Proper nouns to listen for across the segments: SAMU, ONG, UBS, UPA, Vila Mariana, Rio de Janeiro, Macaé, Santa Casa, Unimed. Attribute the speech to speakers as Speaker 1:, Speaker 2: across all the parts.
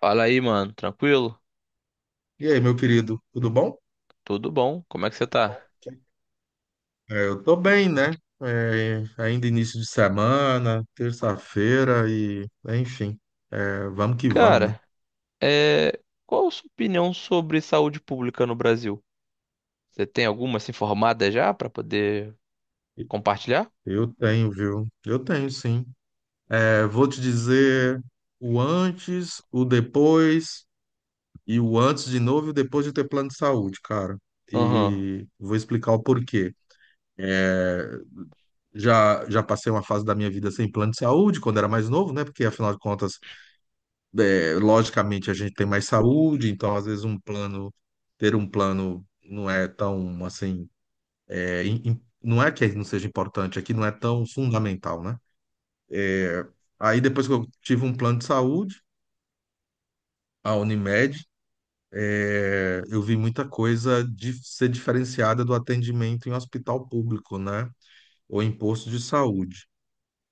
Speaker 1: Fala aí, mano. Tranquilo?
Speaker 2: E aí, meu querido, tudo bom?
Speaker 1: Tudo bom? Como é que você
Speaker 2: Bom,
Speaker 1: tá?
Speaker 2: que- eu tô bem, né? Ainda início de semana, terça-feira e, enfim, vamos que vamos, né?
Speaker 1: Cara, é... qual a sua opinião sobre saúde pública no Brasil? Você tem alguma se informada já pra poder compartilhar?
Speaker 2: Eu tenho, viu? Eu tenho, sim. Vou te dizer o antes, o depois e o antes de novo e o depois de ter plano de saúde, cara.
Speaker 1: Aham,
Speaker 2: E vou explicar o porquê. Já passei uma fase da minha vida sem plano de saúde, quando era mais novo, né? Porque, afinal de contas, logicamente a gente tem mais saúde, então às vezes um plano, ter um plano não é tão assim, não é que não seja importante, aqui não é tão fundamental, né? Aí depois que eu tive um plano de saúde, a Unimed, eu vi muita coisa de ser diferenciada do atendimento em hospital público, né? Ou em posto de saúde.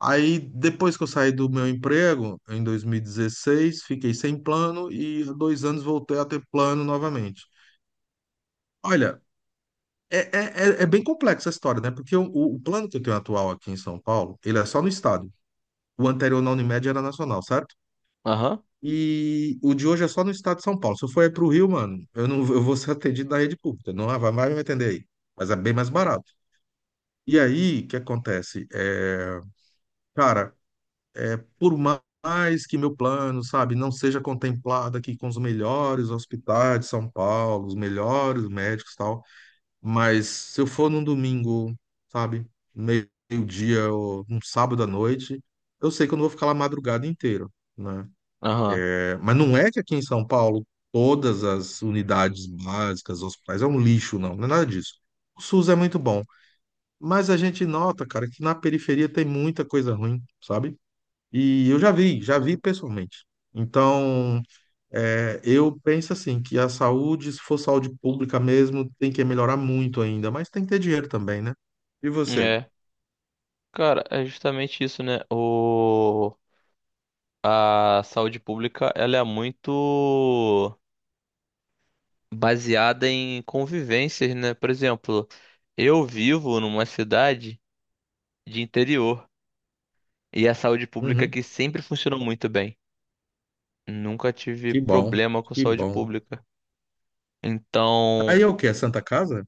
Speaker 2: Aí depois que eu saí do meu emprego, em 2016, fiquei sem plano e há dois anos voltei a ter plano novamente. Olha, é bem complexa a história, né? Porque o plano que eu tenho atual aqui em São Paulo, ele é só no estado. O anterior na Unimed era nacional, certo?
Speaker 1: aham,
Speaker 2: E o de hoje é só no estado de São Paulo. Se eu for aí pro Rio, mano, eu não eu vou ser atendido na rede pública. Não vai me atender aí. Mas é bem mais barato. E aí, o que acontece? Cara, por mais que meu plano, sabe, não seja contemplado aqui com os melhores hospitais de São Paulo, os melhores médicos e tal. Mas se eu for num domingo, sabe, meio-dia ou num sábado à noite, eu sei que eu não vou ficar lá a madrugada inteira, né?
Speaker 1: aham.
Speaker 2: Mas não é que aqui em São Paulo todas as unidades básicas, hospitais, é um lixo, não, não é nada disso. O SUS é muito bom, mas a gente nota, cara, que na periferia tem muita coisa ruim, sabe? E eu já vi pessoalmente. Então, eu penso assim, que a saúde, se for saúde pública mesmo, tem que melhorar muito ainda, mas tem que ter dinheiro também, né? E você?
Speaker 1: É, cara, é justamente isso, né? A saúde pública, ela é muito baseada em convivências, né? Por exemplo, eu vivo numa cidade de interior e a saúde pública
Speaker 2: Uhum.
Speaker 1: aqui sempre funcionou muito bem. Nunca tive
Speaker 2: Que bom,
Speaker 1: problema com
Speaker 2: que
Speaker 1: saúde
Speaker 2: bom.
Speaker 1: pública. Então,
Speaker 2: Aí é o quê? É Santa Casa?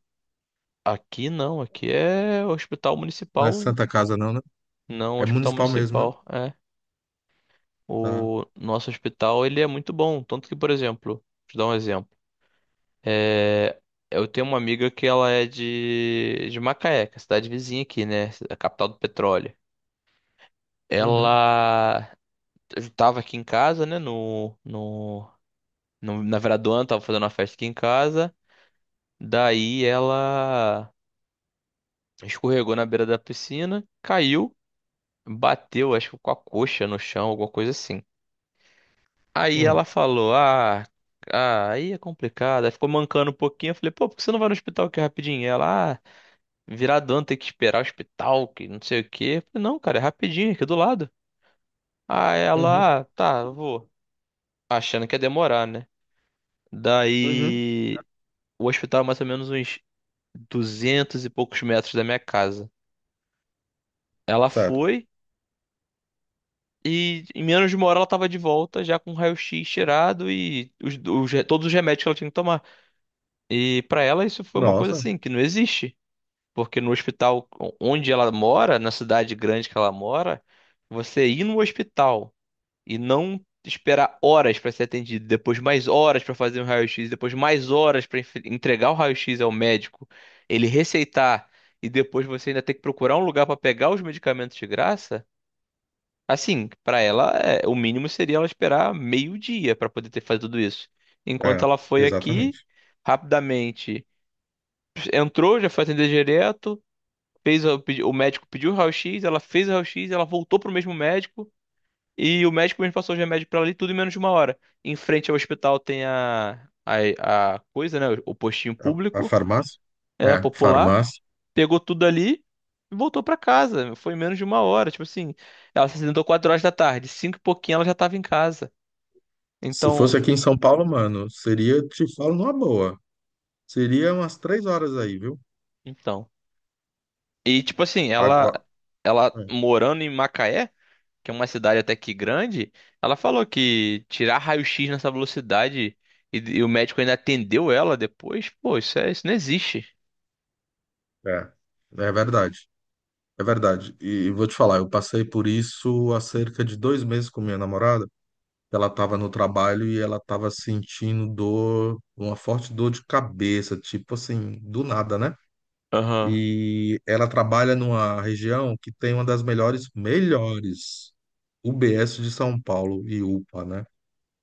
Speaker 1: aqui não, aqui é hospital
Speaker 2: Não é
Speaker 1: municipal,
Speaker 2: Santa Casa não, né?
Speaker 1: não
Speaker 2: É
Speaker 1: hospital
Speaker 2: municipal mesmo, né?
Speaker 1: municipal, é.
Speaker 2: Tá.
Speaker 1: O nosso hospital, ele é muito bom, tanto que, por exemplo, te dar um exemplo. É, eu tenho uma amiga que ela é de Macaé, que é a cidade vizinha aqui, né, a capital do petróleo.
Speaker 2: Uhum.
Speaker 1: Ela estava aqui em casa, né, na Veradoana, tava fazendo uma festa aqui em casa. Daí ela escorregou na beira da piscina, caiu, bateu, acho que com a coxa no chão, alguma coisa assim. Aí ela
Speaker 2: Hum.
Speaker 1: falou: "Ah, ah, aí é complicado." Aí ficou mancando um pouquinho. Eu falei: "Pô, por que você não vai no hospital aqui rapidinho?" Ela: "Ah, viradão tem que esperar o hospital, que não sei o quê." Eu falei: "Não, cara, é rapidinho, aqui do lado." Aí
Speaker 2: Uhum.
Speaker 1: ela: "Ah, tá, eu vou." Achando que ia demorar, né?
Speaker 2: Uhum.
Speaker 1: Daí o hospital é mais ou menos uns 200 e poucos metros da minha casa. Ela
Speaker 2: Certo.
Speaker 1: foi. E em menos de uma hora ela tava de volta, já com o raio-x tirado e todos os remédios que ela tinha que tomar. E pra ela isso foi uma coisa
Speaker 2: Nossa,
Speaker 1: assim, que não existe. Porque no hospital onde ela mora, na cidade grande que ela mora, você ir no hospital e não esperar horas pra ser atendido, depois mais horas pra fazer um raio-x, depois mais horas pra entregar o raio-x ao médico, ele receitar e depois você ainda ter que procurar um lugar pra pegar os medicamentos de graça. Assim, pra ela, é, o mínimo seria ela esperar meio-dia pra poder ter feito tudo isso. Enquanto
Speaker 2: é,
Speaker 1: ela foi aqui,
Speaker 2: exatamente.
Speaker 1: rapidamente entrou, já foi atender direto, fez o médico pediu o raio-x, ela fez o raio-x, ela voltou pro mesmo médico e o médico mesmo passou o remédio pra ela ali tudo em menos de uma hora. Em frente ao hospital tem a coisa, né, o postinho
Speaker 2: A
Speaker 1: público,
Speaker 2: farmácia?
Speaker 1: é
Speaker 2: É,
Speaker 1: popular,
Speaker 2: farmácia.
Speaker 1: pegou tudo ali e voltou pra casa. Foi em menos de uma hora. Tipo assim, ela se acidentou 4 horas da tarde, cinco e pouquinho ela já tava em casa.
Speaker 2: Se
Speaker 1: Então,
Speaker 2: fosse aqui em São Paulo, mano, seria, te falo numa boa, seria umas 3 horas aí, viu?
Speaker 1: então. E tipo assim, ela
Speaker 2: Agora.
Speaker 1: ela
Speaker 2: É.
Speaker 1: morando em Macaé, que é uma cidade até que grande, ela falou que tirar raio-x nessa velocidade e o médico ainda atendeu ela depois, pô, isso é, isso não existe.
Speaker 2: É, é verdade, é verdade. E vou te falar, eu passei por isso há cerca de dois meses com minha namorada. Ela estava no trabalho e ela estava sentindo dor, uma forte dor de cabeça, tipo assim, do nada, né?
Speaker 1: Aham,
Speaker 2: E ela trabalha numa região que tem uma das melhores UBS de São Paulo e UPA, né?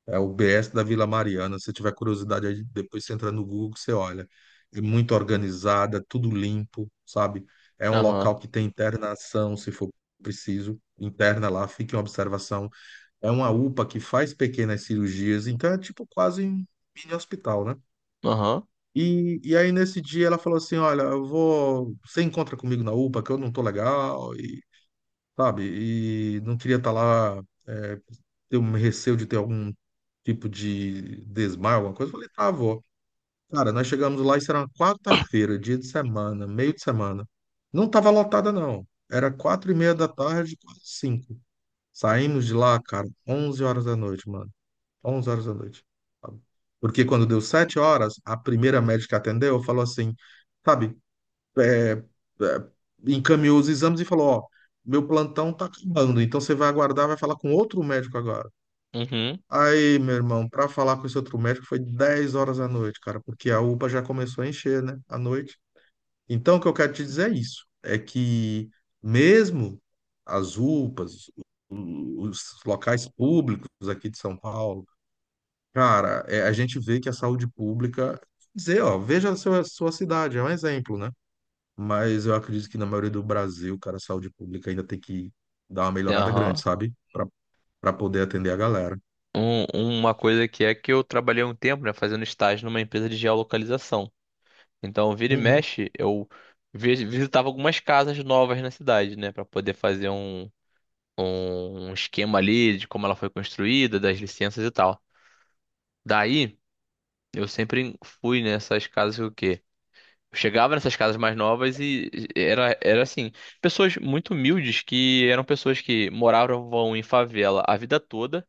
Speaker 2: É o BS da Vila Mariana. Se tiver curiosidade, aí depois você entra no Google, que você olha. É muito organizada, tudo limpo, sabe? É um
Speaker 1: aham,
Speaker 2: local que tem internação, se for preciso, interna lá, fica em observação. É uma UPA que faz pequenas cirurgias, então é tipo quase um mini hospital, né?
Speaker 1: aham,
Speaker 2: E aí nesse dia ela falou assim, olha, eu vou, você encontra comigo na UPA que eu não tô legal e, sabe, e não queria estar lá, é, ter um receio de ter algum tipo de desmaio, alguma coisa. Eu falei, tá, avó. Cara, nós chegamos lá, isso era uma quarta-feira, dia de semana, meio de semana. Não tava lotada, não. Era 4h30 da tarde, quase cinco. Saímos de lá, cara, 11 horas da noite, mano. Onze horas da noite. Sabe? Porque quando deu sete horas, a primeira médica que atendeu falou assim, sabe, é, é, encaminhou os exames e falou, ó, meu plantão tá acabando, então você vai aguardar, vai falar com outro médico agora.
Speaker 1: uhum,
Speaker 2: Aí, meu irmão, pra falar com esse outro médico foi 10 horas da noite, cara, porque a UPA já começou a encher, né, à noite. Então, o que eu quero te dizer é isso, é que mesmo as UPAs, os locais públicos aqui de São Paulo, cara, a gente vê que a saúde pública, dizer, ó, veja a sua cidade, é um exemplo, né? Mas eu acredito que na maioria do Brasil, cara, a saúde pública ainda tem que dar uma melhorada grande,
Speaker 1: aham.
Speaker 2: sabe? Pra poder atender a galera.
Speaker 1: Um- uma coisa que é que eu trabalhei um tempo, né, fazendo estágio numa empresa de geolocalização. Então, vira e
Speaker 2: Uhum,
Speaker 1: mexe, eu visitava algumas casas novas na cidade, né, pra poder fazer um esquema ali de como ela foi construída, das licenças e tal. Daí, eu sempre fui nessas casas o quê? Eu chegava nessas casas mais novas e era, era assim, pessoas muito humildes que eram pessoas que moravam em favela a vida toda.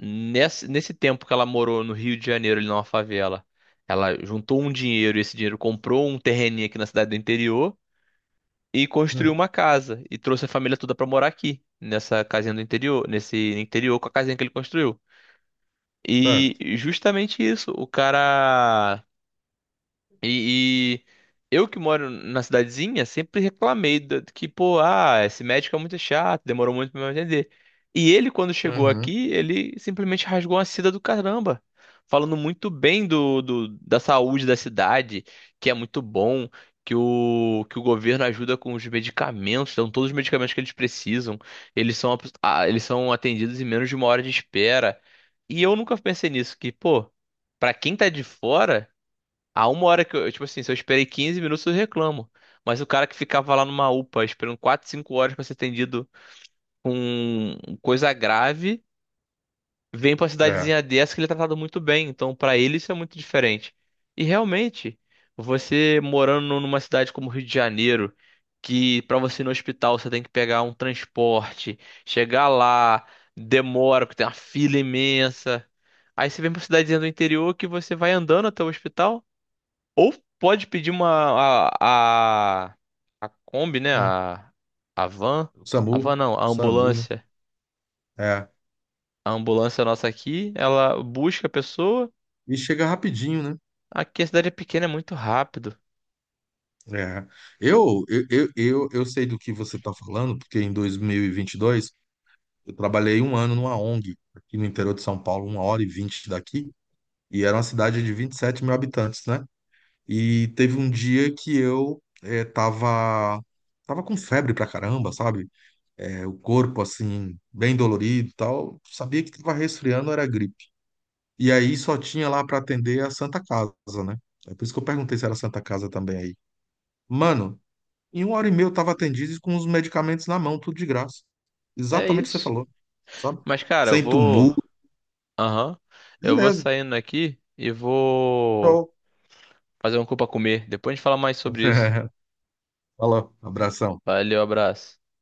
Speaker 1: Nesse tempo que ela morou no Rio de Janeiro, ali numa favela, ela juntou um dinheiro e esse dinheiro comprou um terreninho aqui na cidade do interior, e construiu
Speaker 2: uhum,
Speaker 1: uma casa e trouxe a família toda pra morar aqui, nessa casinha do interior, nesse interior com a casinha que ele construiu.
Speaker 2: certo.
Speaker 1: E justamente isso, o cara, e, e eu que moro na cidadezinha sempre reclamei que, pô, ah, esse médico é muito chato, demorou muito pra me atender. E ele, quando chegou
Speaker 2: Uhum,
Speaker 1: aqui, ele simplesmente rasgou uma seda do caramba, falando muito bem da saúde da cidade, que é muito bom, que o governo ajuda com os medicamentos, dão todos os medicamentos que eles precisam, eles são, eles são atendidos em menos de uma hora de espera. E eu nunca pensei nisso, que, pô, pra quem tá de fora. A uma hora que eu, tipo assim, se eu esperei 15 minutos, eu reclamo. Mas o cara que ficava lá numa UPA esperando 4, 5 horas pra ser atendido com coisa grave, vem pra
Speaker 2: é.
Speaker 1: cidadezinha dessa que ele é tratado muito bem. Então, pra ele, isso é muito diferente. E realmente, você morando numa cidade como Rio de Janeiro, que pra você ir no hospital você tem que pegar um transporte, chegar lá, demora, porque tem uma fila imensa. Aí você vem pra cidadezinha do interior que você vai andando até o hospital. Ou pode pedir uma a, a, a Kombi, né?
Speaker 2: Hum.
Speaker 1: A van. A
Speaker 2: SAMU,
Speaker 1: van não, a
Speaker 2: SAMU, né?
Speaker 1: ambulância.
Speaker 2: É.
Speaker 1: A ambulância nossa aqui, ela busca a pessoa.
Speaker 2: E chega rapidinho, né?
Speaker 1: Aqui a cidade é pequena, é muito rápido.
Speaker 2: É. Eu sei do que você está falando, porque em dois mil e vinte e dois eu trabalhei um ano numa ONG aqui no interior de São Paulo, 1h20 daqui, e era uma cidade de 27 mil habitantes, né? E teve um dia que eu tava com febre pra caramba, sabe? O corpo, assim, bem dolorido e tal. Sabia que tava resfriando, era gripe. E aí só tinha lá para atender a Santa Casa, né? É por isso que eu perguntei se era Santa Casa também aí. Mano, em 1h30 eu tava atendido e com os medicamentos na mão, tudo de graça.
Speaker 1: É
Speaker 2: Exatamente o que você
Speaker 1: isso.
Speaker 2: falou, sabe?
Speaker 1: Mas, cara, eu
Speaker 2: Sem
Speaker 1: vou.
Speaker 2: tumulto,
Speaker 1: Aham. Eu vou
Speaker 2: beleza.
Speaker 1: saindo aqui e vou
Speaker 2: Show.
Speaker 1: fazer um cu pra comer. Depois a gente fala mais sobre isso.
Speaker 2: Falou, abração.
Speaker 1: Valeu, abraço.